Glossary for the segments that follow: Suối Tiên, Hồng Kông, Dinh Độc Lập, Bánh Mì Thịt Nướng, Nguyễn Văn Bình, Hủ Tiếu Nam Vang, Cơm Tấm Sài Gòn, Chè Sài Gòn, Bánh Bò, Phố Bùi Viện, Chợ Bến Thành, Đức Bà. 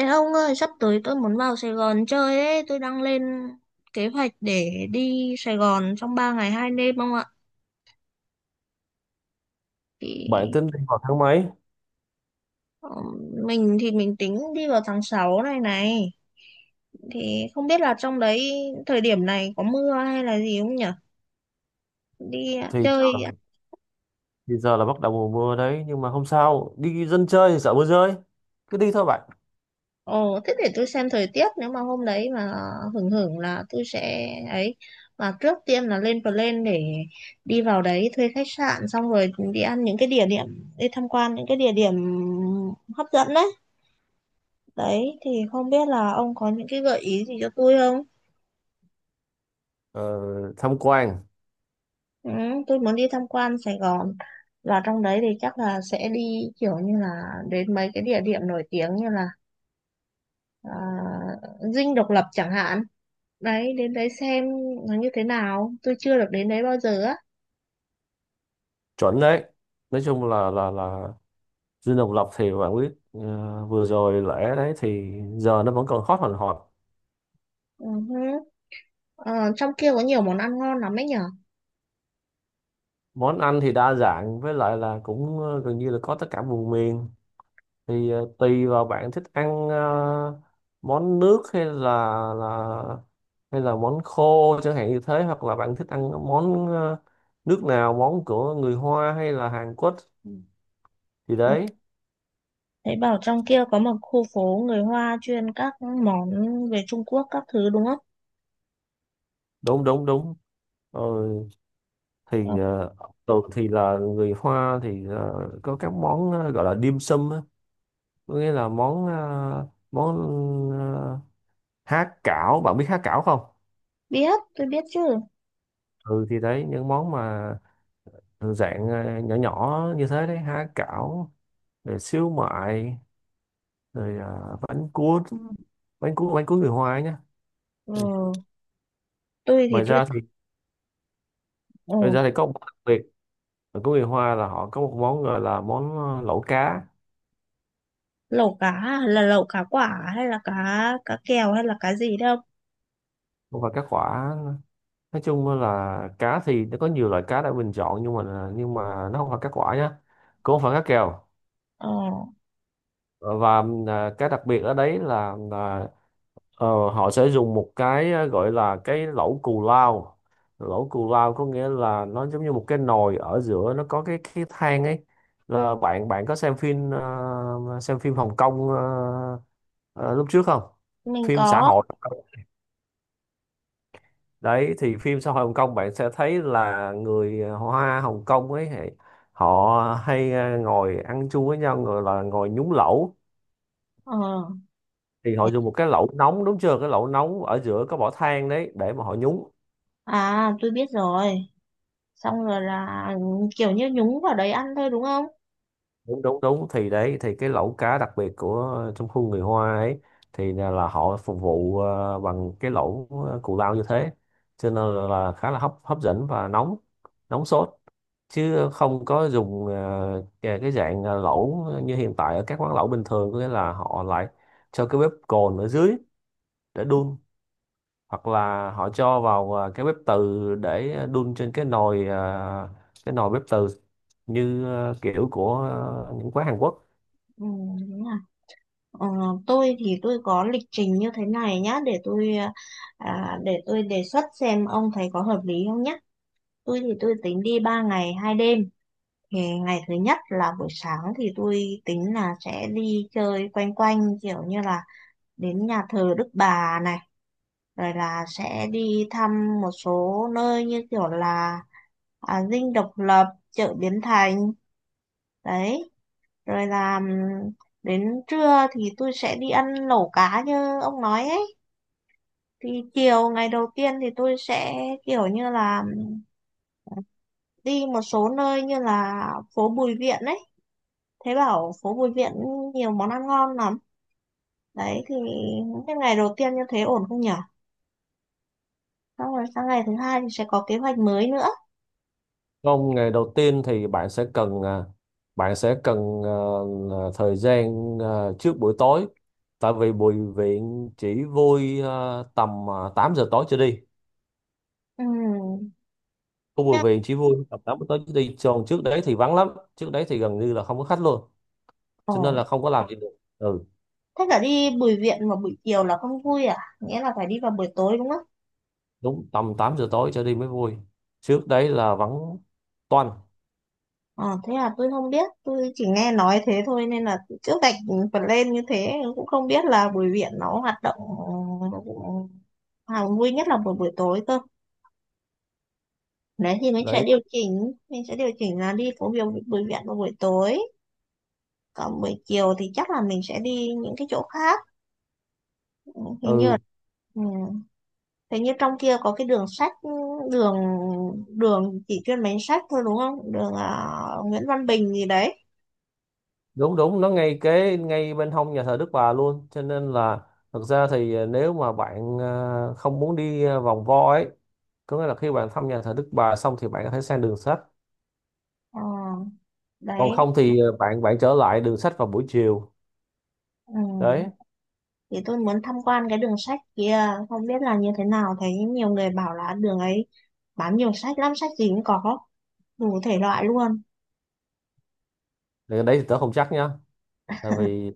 Ê ông ơi, sắp tới tôi muốn vào Sài Gòn chơi ấy, tôi đang lên kế hoạch để đi Sài Gòn trong 3 ngày 2 đêm ông ạ. Bạn Thì tính đi vào tháng mấy? ờ, mình thì mình tính đi vào tháng 6 này này. Thì không biết là trong đấy thời điểm này có mưa hay là gì không nhỉ? Đi thì ờ, chơi. thì giờ là bắt đầu mùa mưa đấy, nhưng mà không sao, đi dân chơi thì sợ mưa rơi, cứ đi thôi bạn. Ồ, thế để tôi xem thời tiết nếu mà hôm đấy mà hưởng hưởng là tôi sẽ ấy, mà trước tiên là lên plan để đi vào đấy thuê khách sạn, xong rồi đi ăn những cái địa điểm, đi tham quan những cái địa điểm hấp dẫn đấy. Đấy thì không biết là ông có những cái gợi ý gì cho tôi không? ờ, Tham quan Ừ, tôi muốn đi tham quan Sài Gòn và trong đấy thì chắc là sẽ đi kiểu như là đến mấy cái địa điểm nổi tiếng như là à, Dinh Độc Lập chẳng hạn. Đấy, đến đấy xem nó như thế nào, tôi chưa được đến đấy bao giờ á. chuẩn đấy. Nói chung là Dinh Độc Lập thì bạn biết, vừa rồi lễ đấy thì giờ nó vẫn còn hot hòn hot. Ừ hứ. Ờ, trong kia có nhiều món ăn ngon lắm ấy nhở. Món ăn thì đa dạng, với lại là cũng gần như là có tất cả vùng miền. Thì tùy vào bạn thích ăn món nước hay là là hay là món khô chẳng hạn, như thế, hoặc là bạn thích ăn món nước nào, món của người Hoa hay là Hàn Quốc, thì Ồ, đấy. Thấy bảo trong kia có một khu phố người Hoa chuyên các món về Trung Quốc các thứ đúng không? Đúng đúng đúng. ờ, Ờ, thì ờ, Thường thì là người Hoa thì có các món gọi là dim sum á, có nghĩa là món ờ, há cảo, bạn biết há cảo không? biết, tôi biết chứ. Ừ, thì đấy, những món mà dạng nhỏ nhỏ như thế đấy: há cảo, rồi xíu mại, rồi bánh cuốn người Hoa ấy nhá. Ừ, Ừ. tôi thì Ngoài tôi ra thì ngoài ừ, ra thì có một món đặc biệt ở của người Hoa là họ có một món gọi là món lẩu cá. lẩu cá à? Là lẩu cá quả hay là cá cá kèo hay là cá gì đâu. Và cá quả, nói chung là cá thì nó có nhiều loại cá để mình chọn, nhưng mà nhưng mà nó không phải cá quả nhá, cũng không phải cá kèo. Ờ, Ờ, và cá đặc biệt ở đấy là, Ờ, họ sẽ dùng một cái gọi là cái lẩu cù lao. Lẩu cù lao có nghĩa là nó giống như một cái nồi ở giữa, nó có cái than ấy. Là bạn bạn có xem phim, xem phim Hồng Kông ờ, lúc trước không? mình Phim xã có. hội đấy, thì phim xã hội Hồng Kông bạn sẽ thấy là người Hoa Hồng Kông ấy, thì họ hay ngồi ăn chung với nhau, gọi là ngồi nhúng lẩu. Ờ, Thì họ thế- dùng một cái lẩu nóng, đúng chưa? Cái lẩu nóng ở giữa có bỏ than đấy để mà họ nhúng. Tôi biết rồi. Xong rồi là kiểu như nhúng vào đấy ăn thôi đúng không? Đúng đúng đúng, thì đấy, thì cái lẩu cá đặc biệt của trong khu người Hoa ấy thì là họ phục vụ bằng cái lẩu cù lao như thế, cho nên là khá là hấp hấp dẫn và nóng, nóng sốt, chứ không có dùng ờ, cái dạng lẩu như hiện tại ở các quán lẩu bình thường, có nghĩa là họ lại cho cái bếp cồn ở dưới để đun, hoặc là họ cho vào cái bếp từ để đun trên cái nồi, cái nồi bếp từ, như kiểu của những quán Hàn Quốc. Ừ, đúng. Ờ, tôi thì tôi có lịch trình như thế này nhá để tôi đề xuất xem ông thấy có hợp lý không nhá. Tôi thì tôi tính đi 3 ngày 2 đêm. Thì ngày thứ nhất là buổi sáng thì tôi tính là sẽ đi chơi quanh quanh kiểu như là đến nhà thờ Đức Bà này, rồi là sẽ đi thăm một số nơi như kiểu là Dinh Độc Lập, chợ Bến Thành. Đấy, rồi là đến trưa thì tôi sẽ đi ăn lẩu cá như ông nói ấy, thì chiều ngày đầu tiên thì tôi sẽ kiểu như là đi một số nơi như là phố Bùi Viện ấy, thế bảo phố Bùi Viện nhiều món ăn ngon lắm. Đấy thì cái ngày đầu tiên như thế ổn không nhỉ? Xong rồi sang ngày thứ hai thì sẽ có kế hoạch mới nữa. Không, ngày đầu tiên thì bạn sẽ cần à, bạn sẽ cần à, à, thời gian, trước buổi tối, tại vì bùi viện chỉ vui tầm 8 giờ tối trở đi. Ừm. Khu bùi nhưng- viện chỉ vui tầm 8 giờ tối trở đi. Còn trước đấy thì vắng lắm, trước đấy thì gần như là không có khách luôn. Ồ, Cho nên là không có làm gì được. Ừ, thế là đi Bùi Viện vào buổi chiều là không vui à, nghĩa là phải đi vào buổi tối đúng không? đúng, tầm 8 giờ tối trở đi mới vui. Trước đấy là vắng toanh. Ờ, thế là tôi không biết, tôi chỉ nghe nói thế thôi nên là trước gạch phần lên như thế cũng không biết là Bùi Viện nó hoạt động, vui nhất là buổi buổi tối cơ. Đấy thì Đấy. Mình sẽ điều chỉnh là đi phố biểu Bùi Viện vào buổi tối. Còn buổi chiều thì chắc là mình sẽ đi những cái chỗ khác. Ừ, Hình như là, Ừ, ừ, hình như trong kia có cái đường sách, đường đường chỉ chuyên bán sách thôi đúng không? Đường Nguyễn Văn Bình gì đấy. đúng đúng, nó ngay kế ngay bên hông nhà thờ Đức Bà luôn, cho nên là thực ra thì nếu mà bạn không muốn đi vòng vo ấy, có nghĩa là khi bạn thăm nhà thờ Đức Bà xong thì bạn có thể sang đường sách, Ờ, còn đấy. không thì ờ, bạn bạn trở lại đường sách vào buổi chiều, Ừ, đấy. thì tôi muốn tham quan cái đường sách kia không biết là như thế nào, thấy nhiều người bảo là đường ấy bán nhiều sách lắm, sách gì cũng có đủ thể loại luôn. Thì đấy thì tớ không chắc nha, tại vì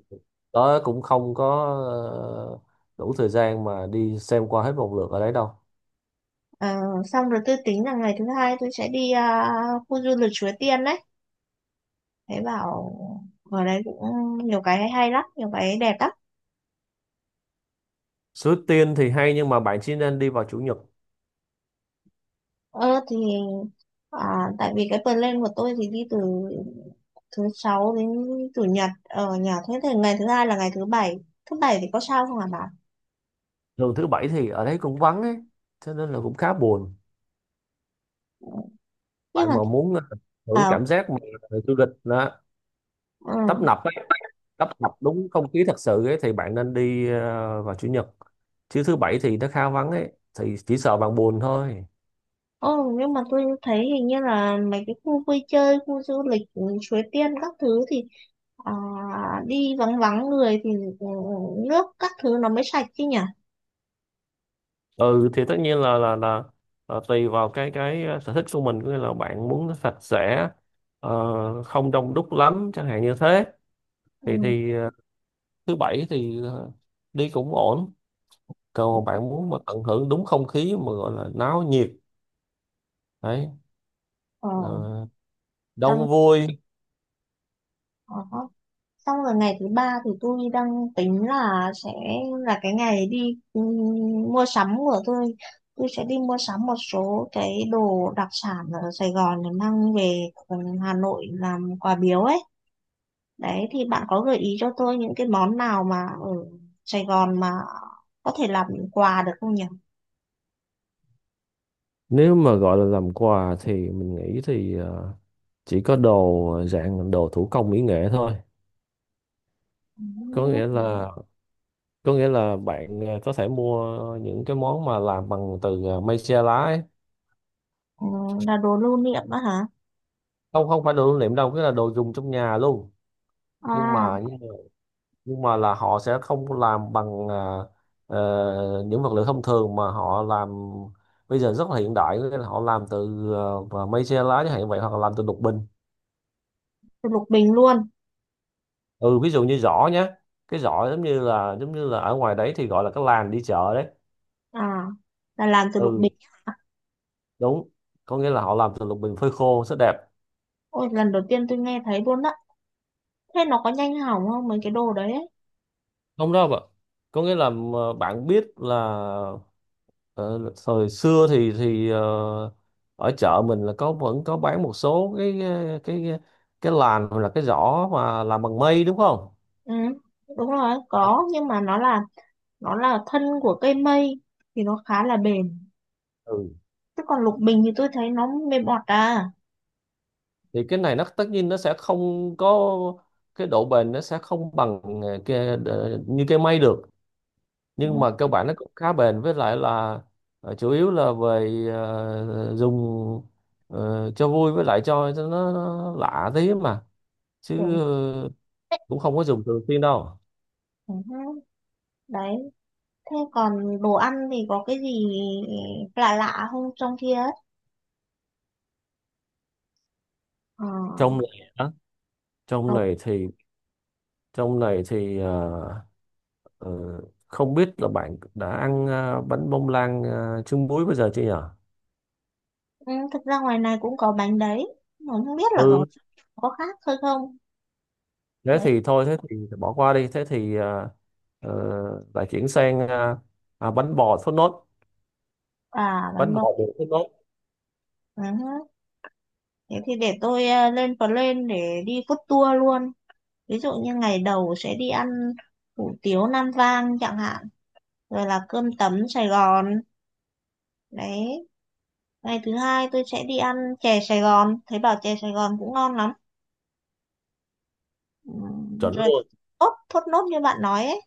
tớ cũng không có ờ, đủ thời gian mà đi xem qua hết một lượt ở đấy đâu. Ờ, xong rồi tôi tính là ngày thứ hai tôi sẽ đi khu du lịch Suối Tiên đấy, thấy bảo ở đấy cũng nhiều cái hay hay lắm, nhiều cái đẹp lắm. Suối Tiên thì hay, nhưng mà bạn chỉ nên đi vào chủ nhật. Thì tại vì cái plan của tôi thì đi từ thứ sáu đến chủ nhật ở nhà, thế thì ngày thứ hai là ngày thứ bảy. Thứ bảy thì có sao không hả bà? Thường thứ bảy thì ở đấy cũng vắng ấy, cho nên là cũng khá buồn. nhưng Bạn mà mà muốn hưởng ờ cảm giác mà du lịch nó ừ. tấp nập ấy, tấp nập đúng không khí thật sự ấy, thì bạn nên đi vào chủ nhật, chứ thứ bảy thì nó khá vắng ấy, thì chỉ sợ bạn buồn thôi. Ồ, nhưng mà tôi thấy hình như là mấy cái khu vui chơi, khu du lịch, Suối Tiên các thứ thì à, đi vắng vắng người thì ừ, nước các thứ nó mới sạch chứ nhỉ? Ừ, thì tất nhiên là tùy vào cái sở thích của mình, có nghĩa là bạn muốn nó sạch sẽ, không đông đúc lắm chẳng hạn như thế, thì Ừ. Thứ bảy thì đi cũng ổn. Còn bạn muốn mà tận hưởng đúng không khí mà gọi là náo nhiệt, đấy, Ờ, ờ, xong, đông vui. ờ, xong rồi ngày thứ ba thì tôi đang tính là sẽ là cái ngày đi mua sắm của tôi. Tôi sẽ đi mua sắm một số cái đồ đặc sản ở Sài Gòn để mang về Hà Nội làm quà biếu ấy. Đấy thì bạn có gợi ý cho tôi những cái món nào mà ở Sài Gòn mà có thể làm quà được không nhỉ? Nếu mà gọi là làm quà thì mình nghĩ thì chỉ có đồ dạng đồ thủ công mỹ nghệ thôi, có nghĩa Ừ, Ừ. là có nghĩa là bạn có thể mua những cái món mà làm bằng từ mây tre lá ấy. ừ, là đồ lưu niệm đó hả? Không, không phải đồ lưu niệm đâu, cái là đồ dùng trong nhà luôn, nhưng À, mà nhưng mà, nhưng mà là họ sẽ không làm bằng những vật liệu thông thường, mà họ làm bây giờ rất là hiện đại, nghĩa là họ làm từ mây tre lá chẳng hạn vậy, hoặc là làm từ lục bình. từ lục bình luôn. Ừ, ví dụ như giỏ nhé, cái giỏ giống như là ở ngoài đấy thì gọi là cái làn đi chợ đấy. À, là làm từ lục Ừ, bình. đúng, có nghĩa là họ làm từ lục bình phơi khô, rất đẹp. Ôi, lần đầu tiên tôi nghe thấy luôn đó. Thế nó có nhanh hỏng không mấy cái đồ đấy? Không đâu ạ, có nghĩa là bạn biết là, ờ, thời xưa thì ở chợ mình là có vẫn có bán một số cái cái làn hoặc là cái giỏ mà làm bằng mây đúng không? Ừ, đúng rồi, có nhưng mà nó là thân của cây mây thì nó khá là bền. Ừ, Chứ còn lục bình thì tôi thấy nó mềm bọt à. thì cái này nó tất nhiên nó sẽ không có cái độ bền, nó sẽ không bằng như cái mây được, Ừ, nhưng mà cơ bản nó cũng khá bền, với lại là chủ yếu là về dùng cho vui, với lại cho nó lạ tí mà, tưởng- chứ cũng không có dùng thường xuyên đâu. ừ, đấy. Thế còn đồ ăn thì có cái gì lạ lạ không trong kia ấy? Ờ, Trong này á? trong ờ, này thì trong này thì ờ, ờ, không biết là bạn đã ăn bánh bông lan trứng muối bây giờ chưa nhở? ừ, thực ra ngoài này cũng có bánh đấy. Mà không biết là có Ừ, có khác thôi không? thế Đấy, thì thôi, thế thì bỏ qua đi, thế thì ờ, lại chuyển sang bánh bò thốt nốt, bánh bánh bò. bò bột thốt nốt. Ừ. Thế thì để tôi lên plan để đi food tour luôn. Ví dụ như ngày đầu sẽ đi ăn hủ tiếu Nam Vang chẳng hạn. Rồi là cơm tấm Sài Gòn. Đấy. Ngày thứ hai tôi sẽ đi ăn chè Sài Gòn. Thấy bảo chè Sài Gòn cũng ngon lắm. Ừ. Chuẩn Rồi luôn, thốt nốt như bạn nói ấy.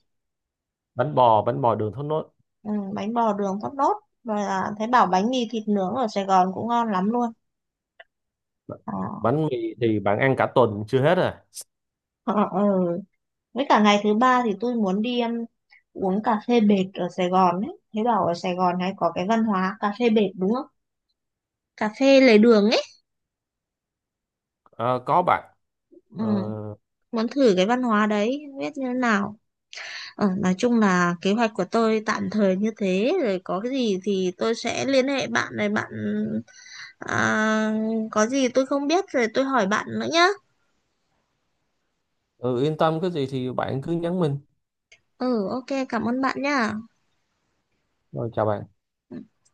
bánh bò đường thốt nốt. Ừ, bánh bò đường thốt nốt và là thấy bảo bánh mì thịt nướng ở Sài Gòn cũng ngon lắm luôn. Ờ, Bánh mì thì bạn ăn cả tuần chưa hết à. ờ, ờ. Ừ. Với cả ngày thứ ba thì tôi muốn đi uống cà phê bệt ở Sài Gòn ấy, thấy bảo ở Sài Gòn hay có cái văn hóa cà phê bệt đúng không, cà phê lề đường ấy. Ờ, có bạn. Ừ, Ờ, muốn thử cái văn hóa đấy không biết như thế nào. Nói chung là kế hoạch của tôi tạm thời như thế rồi, có cái gì thì tôi sẽ liên hệ bạn này à, có gì tôi không biết rồi tôi hỏi bạn nữa nhá. ừ, yên tâm, cái gì thì bạn cứ nhắn mình. Ừ, ok, cảm ơn bạn nha. Rồi, chào bạn. Ừ.